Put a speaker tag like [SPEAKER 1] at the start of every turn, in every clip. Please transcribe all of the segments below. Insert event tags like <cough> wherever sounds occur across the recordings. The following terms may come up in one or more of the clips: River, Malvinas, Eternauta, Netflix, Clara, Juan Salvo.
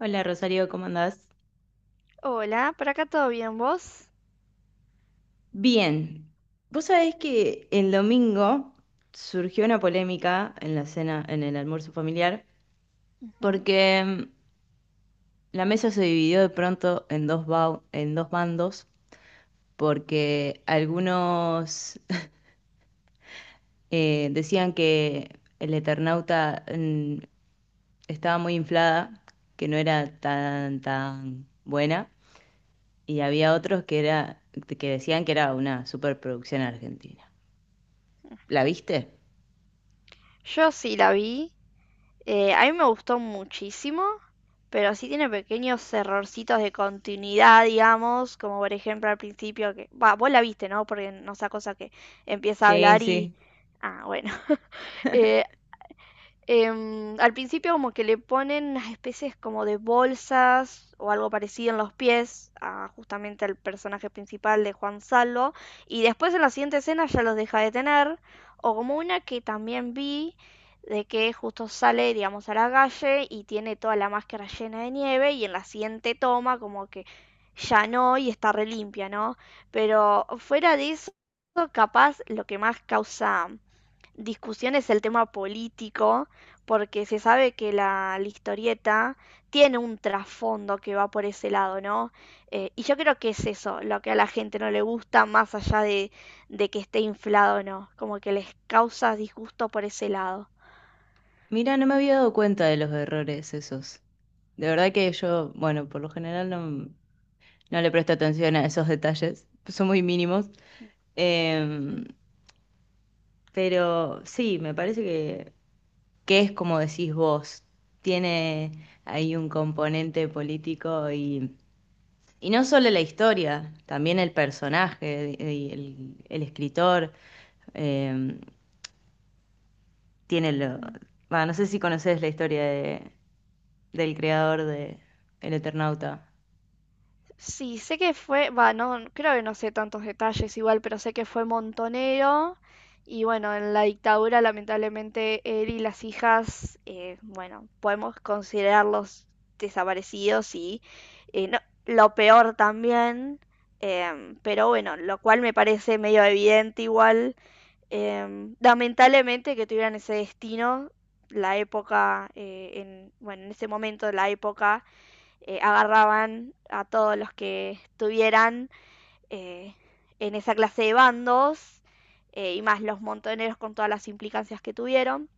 [SPEAKER 1] Hola Rosario, ¿cómo andás?
[SPEAKER 2] Hola, por acá todo bien, ¿vos?
[SPEAKER 1] Bien, vos sabés que el domingo surgió una polémica en la cena, en el almuerzo familiar,
[SPEAKER 2] Ujú.
[SPEAKER 1] porque la mesa se dividió de pronto en dos, en dos bandos, porque algunos <laughs> decían que el Eternauta estaba muy inflada, que no era tan buena, y había otros que decían que era una superproducción argentina. ¿La viste?
[SPEAKER 2] Yo sí la vi, a mí me gustó muchísimo, pero sí tiene pequeños errorcitos de continuidad, digamos, como por ejemplo al principio que, va, vos la viste, ¿no? Porque no sea cosa que empieza a
[SPEAKER 1] Sí,
[SPEAKER 2] hablar y,
[SPEAKER 1] sí.
[SPEAKER 2] ah, bueno. <laughs> Eh, Al principio como que le ponen unas especies como de bolsas o algo parecido en los pies a justamente al personaje principal de Juan Salvo y después en la siguiente escena ya los deja de tener o como una que también vi de que justo sale digamos a la calle y tiene toda la máscara llena de nieve y en la siguiente toma como que ya no y está relimpia, ¿no? Pero fuera de eso capaz lo que más causa discusión es el tema político, porque se sabe que la historieta tiene un trasfondo que va por ese lado, ¿no? Y yo creo que es eso, lo que a la gente no le gusta, más allá de que esté inflado o no, como que les causa disgusto por ese lado.
[SPEAKER 1] Mira, no me había dado cuenta de los errores esos. De verdad que yo, bueno, por lo general no le presto atención a esos detalles, <laughs> son muy mínimos. Em,
[SPEAKER 2] Mm,
[SPEAKER 1] pero sí, me parece que es como decís vos, tiene ahí un componente político y no solo la historia, también el personaje, y el escritor, em, tiene lo...
[SPEAKER 2] mm.
[SPEAKER 1] Bueno, no sé si conoces la historia de, del creador de El Eternauta.
[SPEAKER 2] Sí, sé que fue, va, no, creo que no sé tantos detalles igual, pero sé que fue montonero y bueno, en la dictadura lamentablemente él y las hijas, bueno, podemos considerarlos desaparecidos y eh, no- lo peor también. Pero bueno, lo cual me parece medio evidente igual. Lamentablemente que tuvieran ese destino, la época, bueno, en ese momento de la época agarraban a todos los que estuvieran eh, en esa clase de bandos, y más los montoneros con todas las implicancias que tuvieron.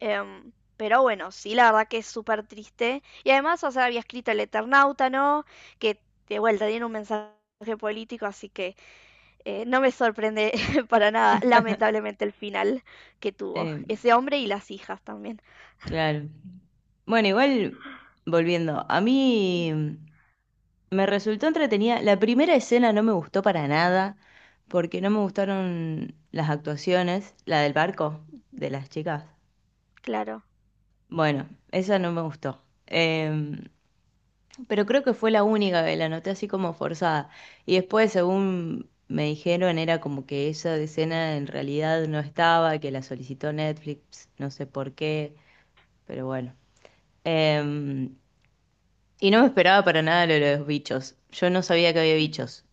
[SPEAKER 2] Em, pero bueno, sí, la verdad que es súper triste. Y además, o sea, había escrito el Eternauta, ¿no? Que de vuelta tiene un mensaje político, así que no me sorprende <laughs> para nada, lamentablemente, el final que tuvo
[SPEAKER 1] Eh,
[SPEAKER 2] ese hombre y las hijas también.
[SPEAKER 1] claro. Bueno, igual, volviendo, a mí me resultó entretenida. La primera escena no me gustó para nada, porque no me gustaron las actuaciones, la del barco, de las chicas.
[SPEAKER 2] Claro.
[SPEAKER 1] Bueno, esa no me gustó. Pero creo que fue la única que la noté así como forzada. Y después, según me dijeron, era como que esa escena en realidad no estaba, que la solicitó Netflix, no sé por qué, pero bueno. Em, y no me esperaba para nada lo de los bichos. Yo no sabía que había bichos.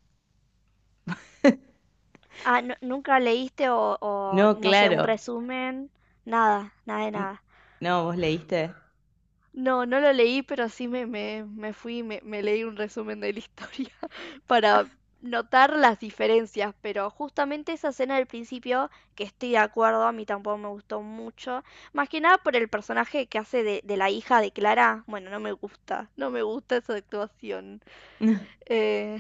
[SPEAKER 2] Ah, ¿nunca leíste o,
[SPEAKER 1] No,
[SPEAKER 2] no sé, un
[SPEAKER 1] claro.
[SPEAKER 2] resumen? Nada, nada de
[SPEAKER 1] N-
[SPEAKER 2] nada.
[SPEAKER 1] No, ¿vos leíste?
[SPEAKER 2] No, no lo leí, pero sí me fui, y me leí un resumen de la historia <laughs> para notar las diferencias, pero justamente esa escena del principio, que estoy de acuerdo, a mí tampoco me gustó mucho, más que nada por el personaje que hace de, la hija de Clara, bueno, no me gusta, no me gusta esa actuación.
[SPEAKER 1] <laughs>
[SPEAKER 2] Eh,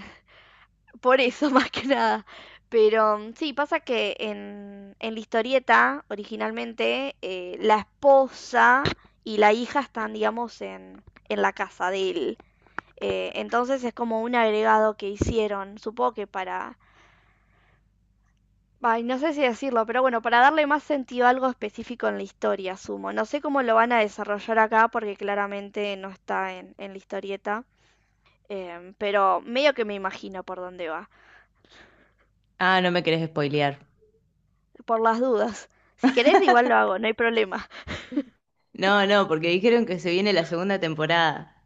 [SPEAKER 2] Por eso, <laughs> más que nada. Pero sí, pasa que en, la historieta, originalmente, la esposa y la hija están, digamos, en la casa de él. Entonces es como un agregado que hicieron, supongo que para. Ay, no sé si decirlo, pero bueno, para darle más sentido a algo específico en la historia, asumo. No sé cómo lo van a desarrollar acá porque claramente no está en la historieta. Pero medio que me imagino por dónde va.
[SPEAKER 1] Ah, no me querés spoilear.
[SPEAKER 2] Por las dudas. Si querés, igual lo
[SPEAKER 1] <laughs>
[SPEAKER 2] hago, no hay problema.
[SPEAKER 1] No, no, porque dijeron que se viene la segunda temporada.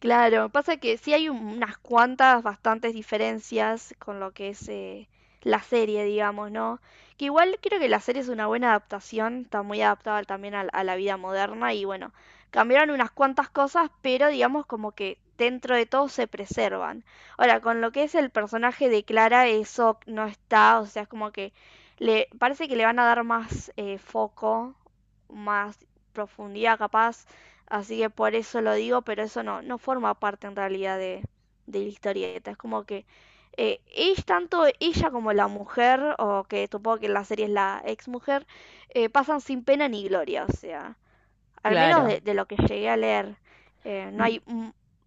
[SPEAKER 2] Claro, pasa que sí hay unas cuantas bastantes diferencias con lo que es, la serie, digamos, ¿no? Que igual creo que la serie es una buena adaptación, está muy adaptada también a la vida moderna y bueno, cambiaron unas cuantas cosas, pero digamos como que dentro de todo se preservan. Ahora, con lo que es el personaje de Clara, eso no está, o sea, es como que le parece que le van a dar más, foco, más profundidad capaz. Así que por eso lo digo, pero eso no forma parte en realidad de, la historieta. Es como que es tanto ella como la mujer, o que supongo que en la serie es la ex mujer, pasan sin pena ni gloria. O sea, al menos de,
[SPEAKER 1] Claro.
[SPEAKER 2] de lo que llegué a leer, no hay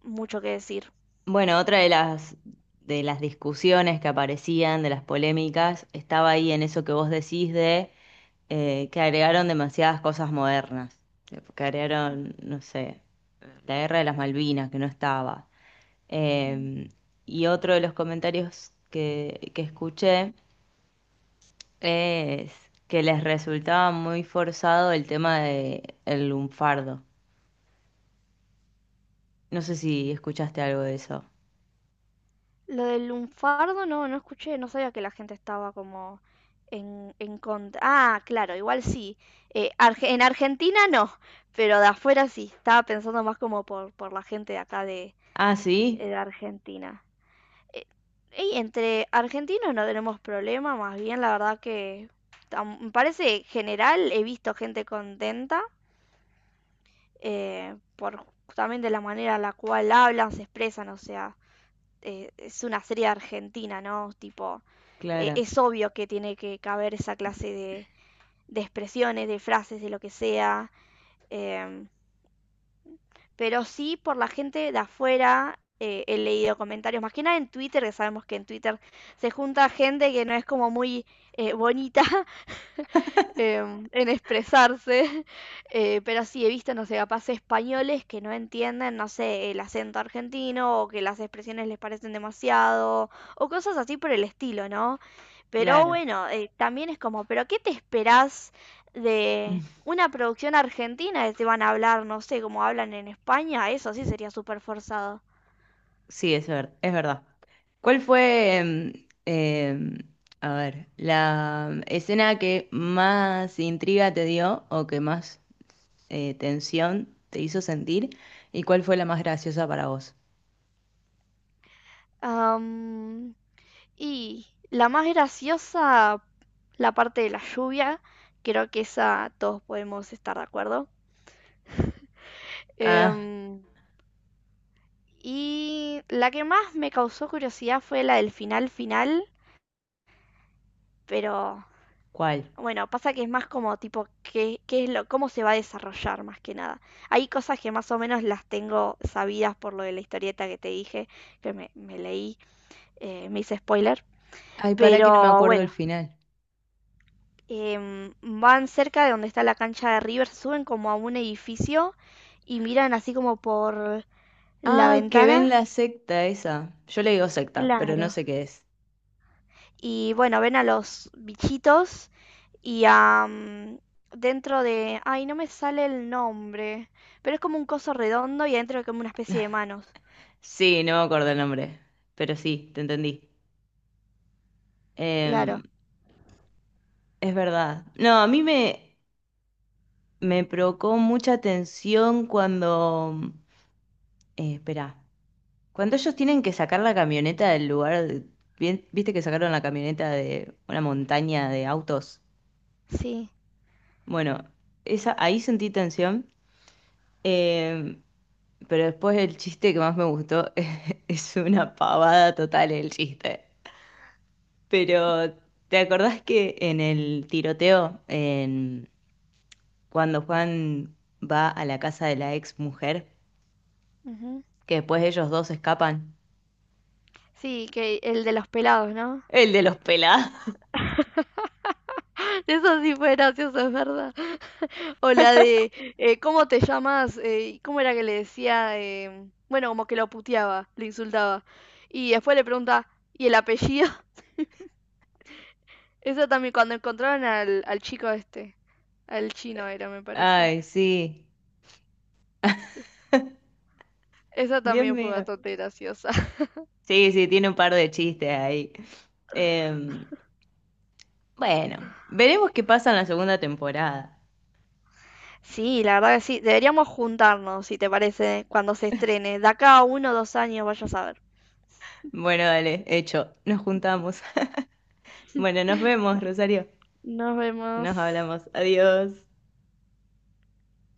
[SPEAKER 2] mucho que decir.
[SPEAKER 1] Bueno, otra de de las discusiones que aparecían, de las polémicas, estaba ahí en eso que vos decís de que agregaron demasiadas cosas modernas, que agregaron, no sé, la guerra de las Malvinas, que no estaba.
[SPEAKER 2] Mm.
[SPEAKER 1] Eh, y otro de los comentarios que escuché es que les resultaba muy forzado el tema de el lunfardo. No sé si escuchaste algo de eso.
[SPEAKER 2] Lo del lunfardo no, no escuché, no sabía que la gente estaba como en, contra. Ah, claro, igual sí. En Argentina no, pero de afuera sí. Estaba pensando más como por, la gente de acá
[SPEAKER 1] Ah, sí,
[SPEAKER 2] de Argentina. Eh, y entre argentinos no tenemos problema, más bien la verdad que, me parece general, he visto gente contenta, por justamente la manera en la cual hablan, se expresan, o sea, es una serie argentina, ¿no? Tipo,
[SPEAKER 1] claro,
[SPEAKER 2] es obvio que tiene que caber esa clase de expresiones, de frases, de lo que sea. eh, pero sí, por la gente de afuera, he leído comentarios, más que nada en Twitter, que sabemos que en Twitter se junta gente que no es como muy, bonita, en expresarse, <laughs> pero sí he visto, no sé, capaz españoles que no entienden, no sé, el acento argentino o que las expresiones les parecen demasiado o cosas así por el estilo, ¿no? Pero
[SPEAKER 1] claro.
[SPEAKER 2] bueno, también es como, ¿pero qué te esperás de
[SPEAKER 1] <laughs>
[SPEAKER 2] una producción argentina que te van a hablar, no sé, como hablan en España? Eso sí sería súper forzado.
[SPEAKER 1] Sí, es verdad. ¿Cuál fue, em, a ver, la escena que más intriga te dio o que más tensión te hizo sentir? ¿Y cuál fue la más graciosa para vos?
[SPEAKER 2] Am, Y la más graciosa, la parte de la lluvia, creo que esa todos podemos estar de acuerdo.
[SPEAKER 1] Ah,
[SPEAKER 2] Em, y la que más me causó curiosidad fue la del final final, pero
[SPEAKER 1] ¿cuál?
[SPEAKER 2] bueno, pasa que es más como tipo, qué es lo, cómo se va a desarrollar más que nada. Hay cosas que más o menos las tengo sabidas por lo de la historieta que te dije, que me leí, me hice spoiler,
[SPEAKER 1] Ay, para que no me
[SPEAKER 2] pero
[SPEAKER 1] acuerdo el
[SPEAKER 2] bueno.
[SPEAKER 1] final.
[SPEAKER 2] Van cerca de donde está la cancha de River, suben como a un edificio y miran así como por la
[SPEAKER 1] Ah, que ven
[SPEAKER 2] ventana.
[SPEAKER 1] la secta esa. Yo le digo secta, pero no
[SPEAKER 2] Claro.
[SPEAKER 1] sé qué es.
[SPEAKER 2] Y bueno, ven a los bichitos y a, dentro de. Ay, no me sale el nombre. Pero es como un coso redondo y adentro hay como una especie de manos.
[SPEAKER 1] Sí, no me acuerdo el nombre, pero sí, te entendí. Em,
[SPEAKER 2] Claro,
[SPEAKER 1] es verdad. No, a mí me... Me provocó mucha tensión cuando... Espera, cuando ellos tienen que sacar la camioneta del lugar, viste que sacaron la camioneta de una montaña de autos.
[SPEAKER 2] sí.
[SPEAKER 1] Bueno, esa, ahí sentí tensión, eh, pero después el chiste que más me gustó <laughs> es una pavada total el chiste. Pero,
[SPEAKER 2] <laughs>
[SPEAKER 1] ¿te acordás que en el tiroteo, en, cuando Juan va a la casa de la ex mujer,
[SPEAKER 2] Ujú.
[SPEAKER 1] que después ellos dos escapan?
[SPEAKER 2] Sí, que el de los pelados, ¿no?
[SPEAKER 1] El de los pelados. <laughs>
[SPEAKER 2] Eso sí fue gracioso, es verdad. <laughs> O la de, ¿cómo te llamas? ¿Cómo era que le decía? Bueno, como que lo puteaba, le insultaba. Y después le pregunta, ¿y el apellido? <laughs> Eso también, cuando encontraron al, chico este, al chino era, me parece.
[SPEAKER 1] Ay, sí.
[SPEAKER 2] Esa
[SPEAKER 1] Dios
[SPEAKER 2] también fue
[SPEAKER 1] mío.
[SPEAKER 2] bastante graciosa. <laughs>
[SPEAKER 1] Sí, sí, tiene un par de chistes ahí. Eh, bueno, veremos qué pasa en la segunda temporada.
[SPEAKER 2] Sí, la verdad que sí. Deberíamos juntarnos, si te parece, cuando se estrene. De acá a 1 o 2 años, vaya a saber.
[SPEAKER 1] Bueno, dale, hecho. Nos juntamos. <laughs> Bueno, nos vemos, Rosario.
[SPEAKER 2] Nos vemos.
[SPEAKER 1] Nos hablamos. Adiós.